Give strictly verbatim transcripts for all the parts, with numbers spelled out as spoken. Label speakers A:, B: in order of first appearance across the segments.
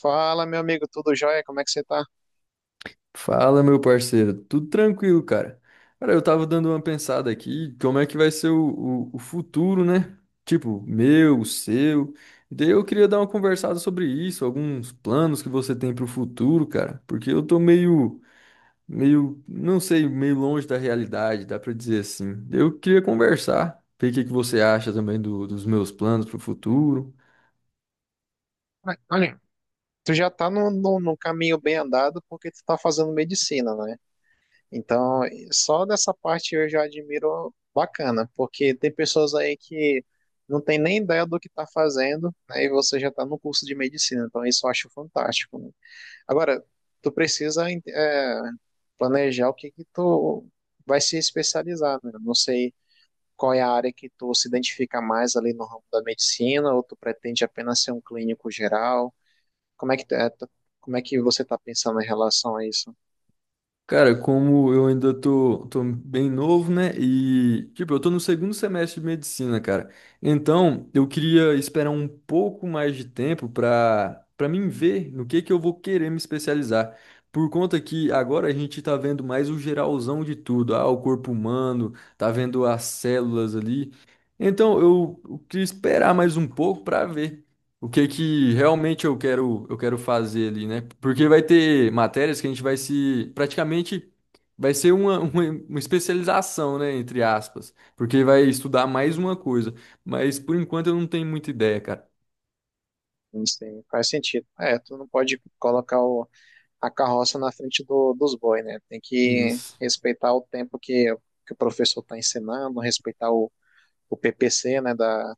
A: Fala, meu amigo, tudo jóia? Como é que você tá?
B: Fala, meu parceiro. Tudo tranquilo, cara. Cara, eu tava dando uma pensada aqui, como é que vai ser o, o, o futuro, né? Tipo, meu, seu. E daí eu queria dar uma conversada sobre isso, alguns planos que você tem pro futuro, cara. Porque eu tô meio, meio, não sei, meio longe da realidade, dá pra dizer assim. Eu queria conversar, ver o que que você acha também do- dos meus planos pro futuro.
A: Olha, tu já tá no, no, no caminho bem andado porque tu tá fazendo medicina, né? Então, só dessa parte eu já admiro bacana, porque tem pessoas aí que não tem nem ideia do que tá fazendo, né? E você já tá no curso de medicina, então isso eu acho fantástico. Né? Agora, tu precisa é, planejar o que que tu vai se especializar, né? Não sei qual é a área que tu se identifica mais ali no ramo da medicina, ou tu pretende apenas ser um clínico geral. Como é que, tu- é, tu- Como é que você está pensando em relação a isso?
B: Cara, como eu ainda tô, tô bem novo, né? E, tipo, eu tô no segundo semestre de medicina, cara. Então, eu queria esperar um pouco mais de tempo pra, pra mim ver no que que eu vou querer me especializar. Por conta que agora a gente tá vendo mais o geralzão de tudo. Ah, o corpo humano, tá vendo as células ali. Então, eu, eu queria esperar mais um pouco pra ver o que que realmente eu quero eu quero fazer ali, né? Porque vai ter matérias que a gente vai se praticamente vai ser uma, uma, uma especialização, né, entre aspas, porque vai estudar mais uma coisa. Mas por enquanto eu não tenho muita ideia, cara.
A: Não sei, faz sentido. É, tu não pode colocar o- a carroça na frente do- dos bois, né? Tem que
B: Isso.
A: respeitar o tempo que, que o professor está ensinando, respeitar o, o P P C, né, da,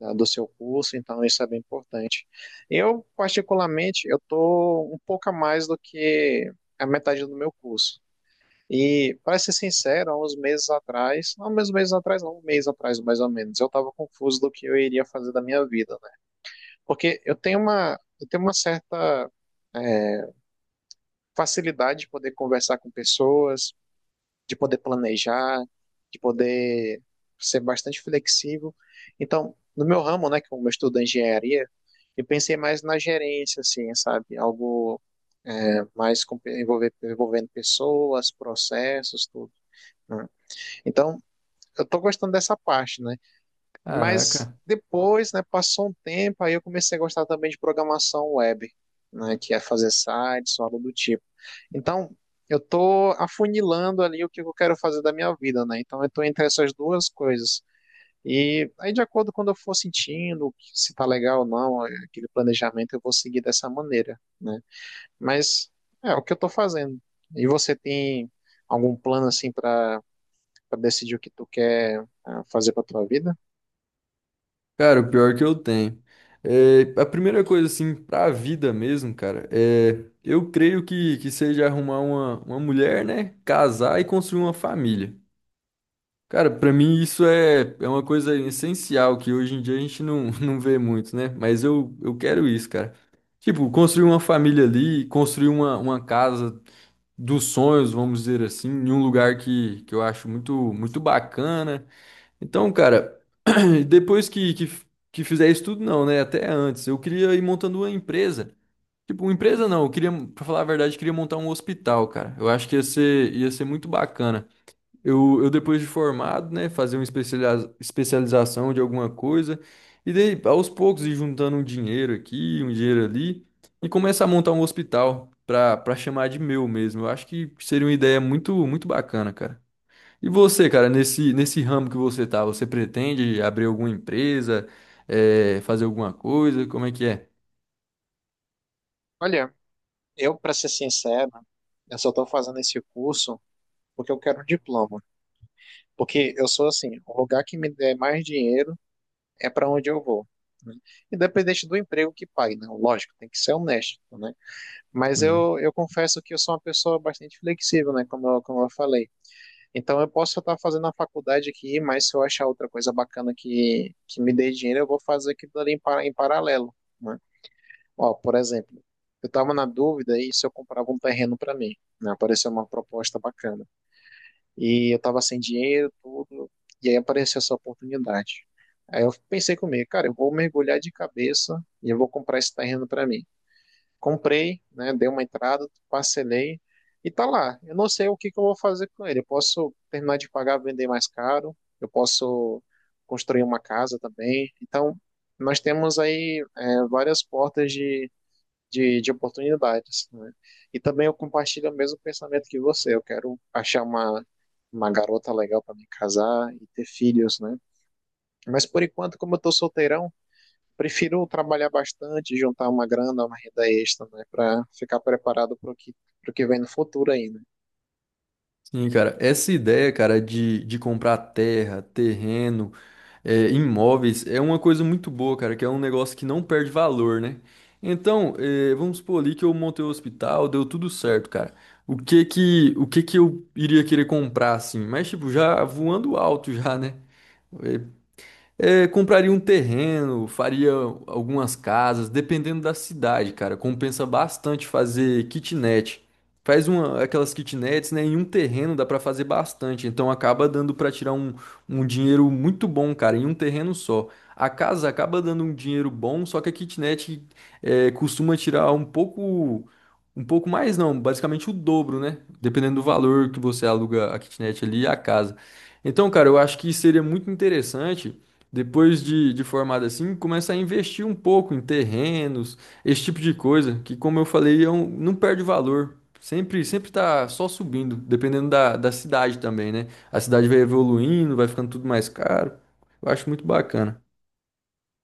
A: da- do seu curso, então isso é bem importante. Eu, particularmente, eu estou um pouco a mais do que a metade do meu curso. E, para ser sincero, há uns meses atrás, não, uns meses atrás, não, um mês atrás, mais ou menos, eu estava confuso do que eu iria fazer da minha vida, né? Porque eu tenho uma, Eu tenho uma certa é, facilidade de poder conversar com pessoas, de poder planejar, de poder ser bastante flexível. Então, no meu ramo, né, que eu estudo engenharia, eu pensei mais na gerência, assim, sabe? Algo mais com- envolver, envolvendo pessoas, processos, tudo. Né? Então, eu estou gostando dessa parte, né? Mas
B: Caraca.
A: depois, né, passou um tempo, aí eu comecei a gostar também de programação web, né, que é fazer sites, ou algo do tipo. Então, eu tô afunilando ali o que eu quero fazer da minha vida, né? Então, eu estou entre essas duas coisas. E aí, de acordo com quando eu for sentindo se tá legal ou não, aquele planejamento, eu vou seguir dessa maneira, né? Mas é o que eu estou fazendo. E você tem algum plano assim para para decidir o que tu quer ah, fazer para tua vida?
B: Cara, o pior que eu tenho. É, a primeira coisa, assim, pra vida mesmo, cara, é, eu creio que, que seja arrumar uma, uma mulher, né? Casar e construir uma família. Cara, pra mim isso é, é uma coisa essencial que hoje em dia a gente não, não vê muito, né? Mas eu, eu quero isso, cara. Tipo, construir uma família ali, construir uma, uma casa dos sonhos, vamos dizer assim, em um lugar que, que eu acho muito, muito bacana. Então, cara, depois que, que, que fizer isso tudo, não, né? Até antes, eu queria ir montando uma empresa. Tipo, uma empresa não, eu queria, pra falar a verdade, eu queria montar um hospital, cara. Eu acho que ia ser, ia ser muito bacana. Eu, eu depois de formado, né, fazer uma especializa- especialização de alguma coisa, e daí, aos poucos, ir juntando um dinheiro aqui, um dinheiro ali, e começar a montar um hospital para para chamar de meu mesmo. Eu acho que seria uma ideia muito, muito bacana, cara. E você, cara, nesse, nesse ramo que você tá, você pretende abrir alguma empresa, eh, fazer alguma coisa? Como é que é?
A: Olha, eu, para ser sincero, eu só estou fazendo esse curso porque eu quero um diploma. Porque eu sou assim, o lugar que me der mais dinheiro é para onde eu vou. Né? Independente do emprego que pague, né? Lógico, tem que ser honesto, né? Mas eu, eu confesso que eu sou uma pessoa bastante flexível, né? Como eu, como eu falei. Então eu posso estar fazendo a faculdade aqui, mas se eu achar outra coisa bacana que, que me dê dinheiro, eu vou fazer aquilo ali em, par- em paralelo. Né? Ó, por exemplo, eu estava na dúvida aí se eu comprava um terreno para mim, né? Apareceu uma proposta bacana. E eu estava sem dinheiro, tudo, e aí apareceu essa oportunidade. Aí eu pensei comigo, cara, eu vou mergulhar de cabeça e eu vou comprar esse terreno para mim. Comprei, né? Dei uma entrada, parcelei e tá lá. Eu não sei o que que eu vou fazer com ele. Eu posso terminar de pagar, vender mais caro, eu posso construir uma casa também. Então, nós temos aí é, várias portas de de, de oportunidades, né? E também eu compartilho o mesmo pensamento que você. Eu quero achar uma, uma garota legal para me casar e ter filhos, né? Mas por enquanto, como eu estou solteirão, prefiro trabalhar bastante, juntar uma grana, uma renda extra, né? Para ficar preparado para o que, pro que vem no futuro ainda.
B: Sim, cara, essa ideia, cara, de, de comprar terra, terreno, é, imóveis, é uma coisa muito boa, cara, que é um negócio que não perde valor, né? Então, é, vamos supor ali que eu montei o hospital, deu tudo certo, cara. O que que, o que que eu iria querer comprar, assim? Mas, tipo, já voando alto já, né? É, é, Compraria um terreno, faria algumas casas, dependendo da cidade, cara. Compensa bastante fazer kitnet. Faz uma, aquelas kitnets, né? Em um terreno dá pra fazer bastante. Então acaba dando pra tirar um, um dinheiro muito bom, cara, em um terreno só. A casa acaba dando um dinheiro bom, só que a kitnet é, costuma tirar um pouco, um pouco mais, não, basicamente o dobro, né? Dependendo do valor que você aluga a kitnet ali e a casa. Então, cara, eu acho que seria muito interessante depois de, de formado assim, começa a investir um pouco em terrenos, esse tipo de coisa, que como eu falei, é um- não perde valor. Sempre, sempre tá só subindo, dependendo da, da cidade também, né? A cidade vai evoluindo, vai ficando tudo mais caro. Eu acho muito bacana.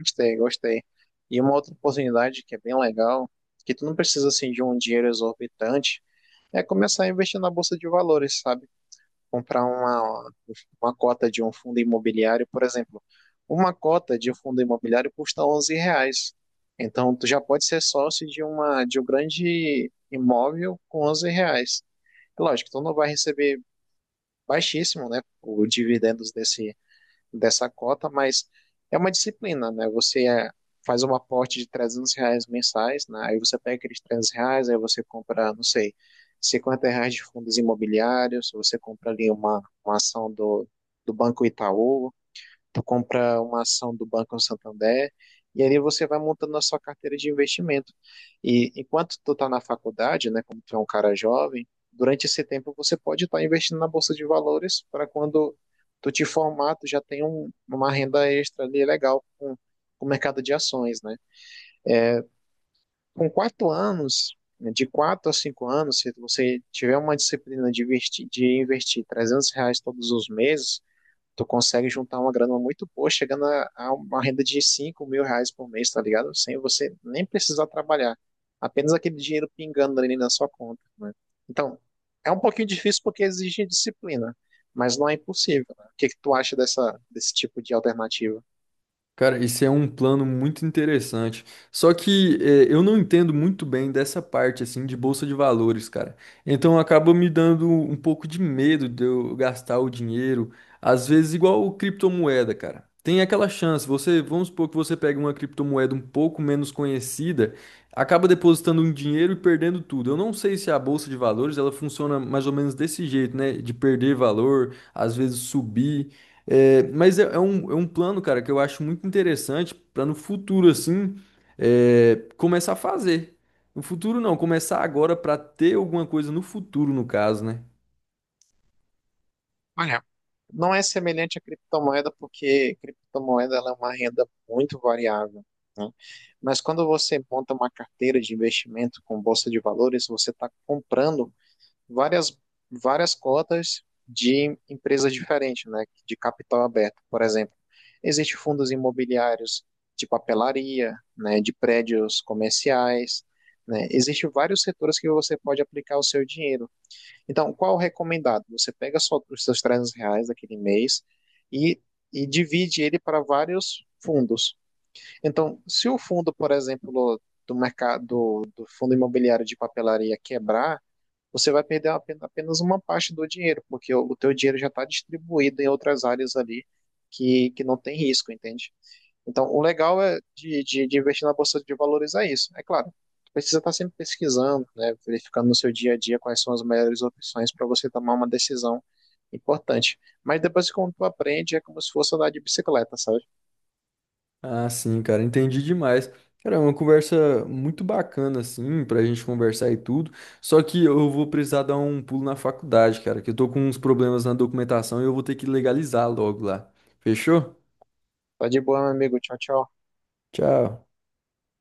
A: Gostei, gostei. E uma outra oportunidade que é bem legal, que tu não precisa assim de um dinheiro exorbitante, é começar a investir na bolsa de valores, sabe? Comprar uma, uma cota de um fundo imobiliário, por exemplo. Uma cota de um fundo imobiliário custa onze reais. Então, tu já pode ser sócio de uma de um grande imóvel com onze reais. É lógico, tu não vai receber baixíssimo, né, o dividendos desse dessa cota, mas é uma disciplina, né? Você é, faz um aporte de trezentos reais mensais, né? Aí você pega aqueles trezentos reais, aí você compra, não sei, cinquenta reais de fundos imobiliários, você compra ali uma, uma ação do, do Banco Itaú, tu compra uma ação do Banco Santander e ali você vai montando a sua carteira de investimento. E enquanto tu tá na faculdade, né, como tu é um cara jovem, durante esse tempo você pode estar investindo na bolsa de valores para quando tu te formar, tu já tem um- uma renda extra ali legal com, com o mercado de ações, né? Com quatro anos, né, de quatro a cinco anos, se você tiver uma disciplina de investir, de investir trezentos reais todos os meses, tu consegue juntar uma grana muito boa, chegando a, a uma renda de cinco mil reais por mês, tá ligado? Sem você nem precisar trabalhar. Apenas aquele dinheiro pingando ali na sua conta, né? Então, é um pouquinho difícil porque exige disciplina, mas não é impossível, né? O que que tu acha dessa, desse tipo de alternativa?
B: Cara, isso é um plano muito interessante. Só que eh, eu não entendo muito bem dessa parte assim de bolsa de valores, cara. Então acaba me dando um pouco de medo de eu gastar o dinheiro, às vezes igual o criptomoeda, cara. Tem aquela chance, você, vamos supor que você pega uma criptomoeda um pouco menos conhecida, acaba depositando um dinheiro e perdendo tudo. Eu não sei se a bolsa de valores, ela funciona mais ou menos desse jeito, né? De perder valor, às vezes subir. É, mas é, é um, é um plano, cara, que eu acho muito interessante para no futuro, assim, é, começar a fazer. No futuro, não, começar agora para ter alguma coisa no futuro, no caso, né?
A: Olha, não é semelhante à criptomoeda porque criptomoeda ela é uma renda muito variável, né? Mas quando você monta uma carteira de investimento com bolsa de valores, você está comprando várias, várias cotas de empresas diferentes, né, de capital aberto, por exemplo. Existem fundos imobiliários de papelaria, né, de prédios comerciais, né? Existem vários setores que você pode aplicar o seu dinheiro. Então, qual o recomendado? Você pega só os seus trezentos reais daquele mês e, e divide ele para vários fundos. Então, se o fundo, por exemplo, do mercado do fundo imobiliário de papelaria quebrar, você vai perder apen- apenas uma parte do dinheiro, porque o o teu dinheiro já está distribuído em outras áreas ali que, que não tem risco, entende? Então, o legal é de, de, de, investir na bolsa de valores é isso. É claro, precisa estar sempre pesquisando, né, verificando no seu dia a dia quais são as melhores opções para você tomar uma decisão importante. Mas depois, quando tu aprende, é como se fosse andar de bicicleta, sabe?
B: Ah, sim, cara, entendi demais. Cara, é uma conversa muito bacana, assim, pra gente conversar e tudo. Só que eu vou precisar dar um pulo na faculdade, cara, que eu tô com uns problemas na documentação e eu vou ter que legalizar logo lá. Fechou?
A: Tá de boa, meu amigo. Tchau, tchau.
B: Tchau.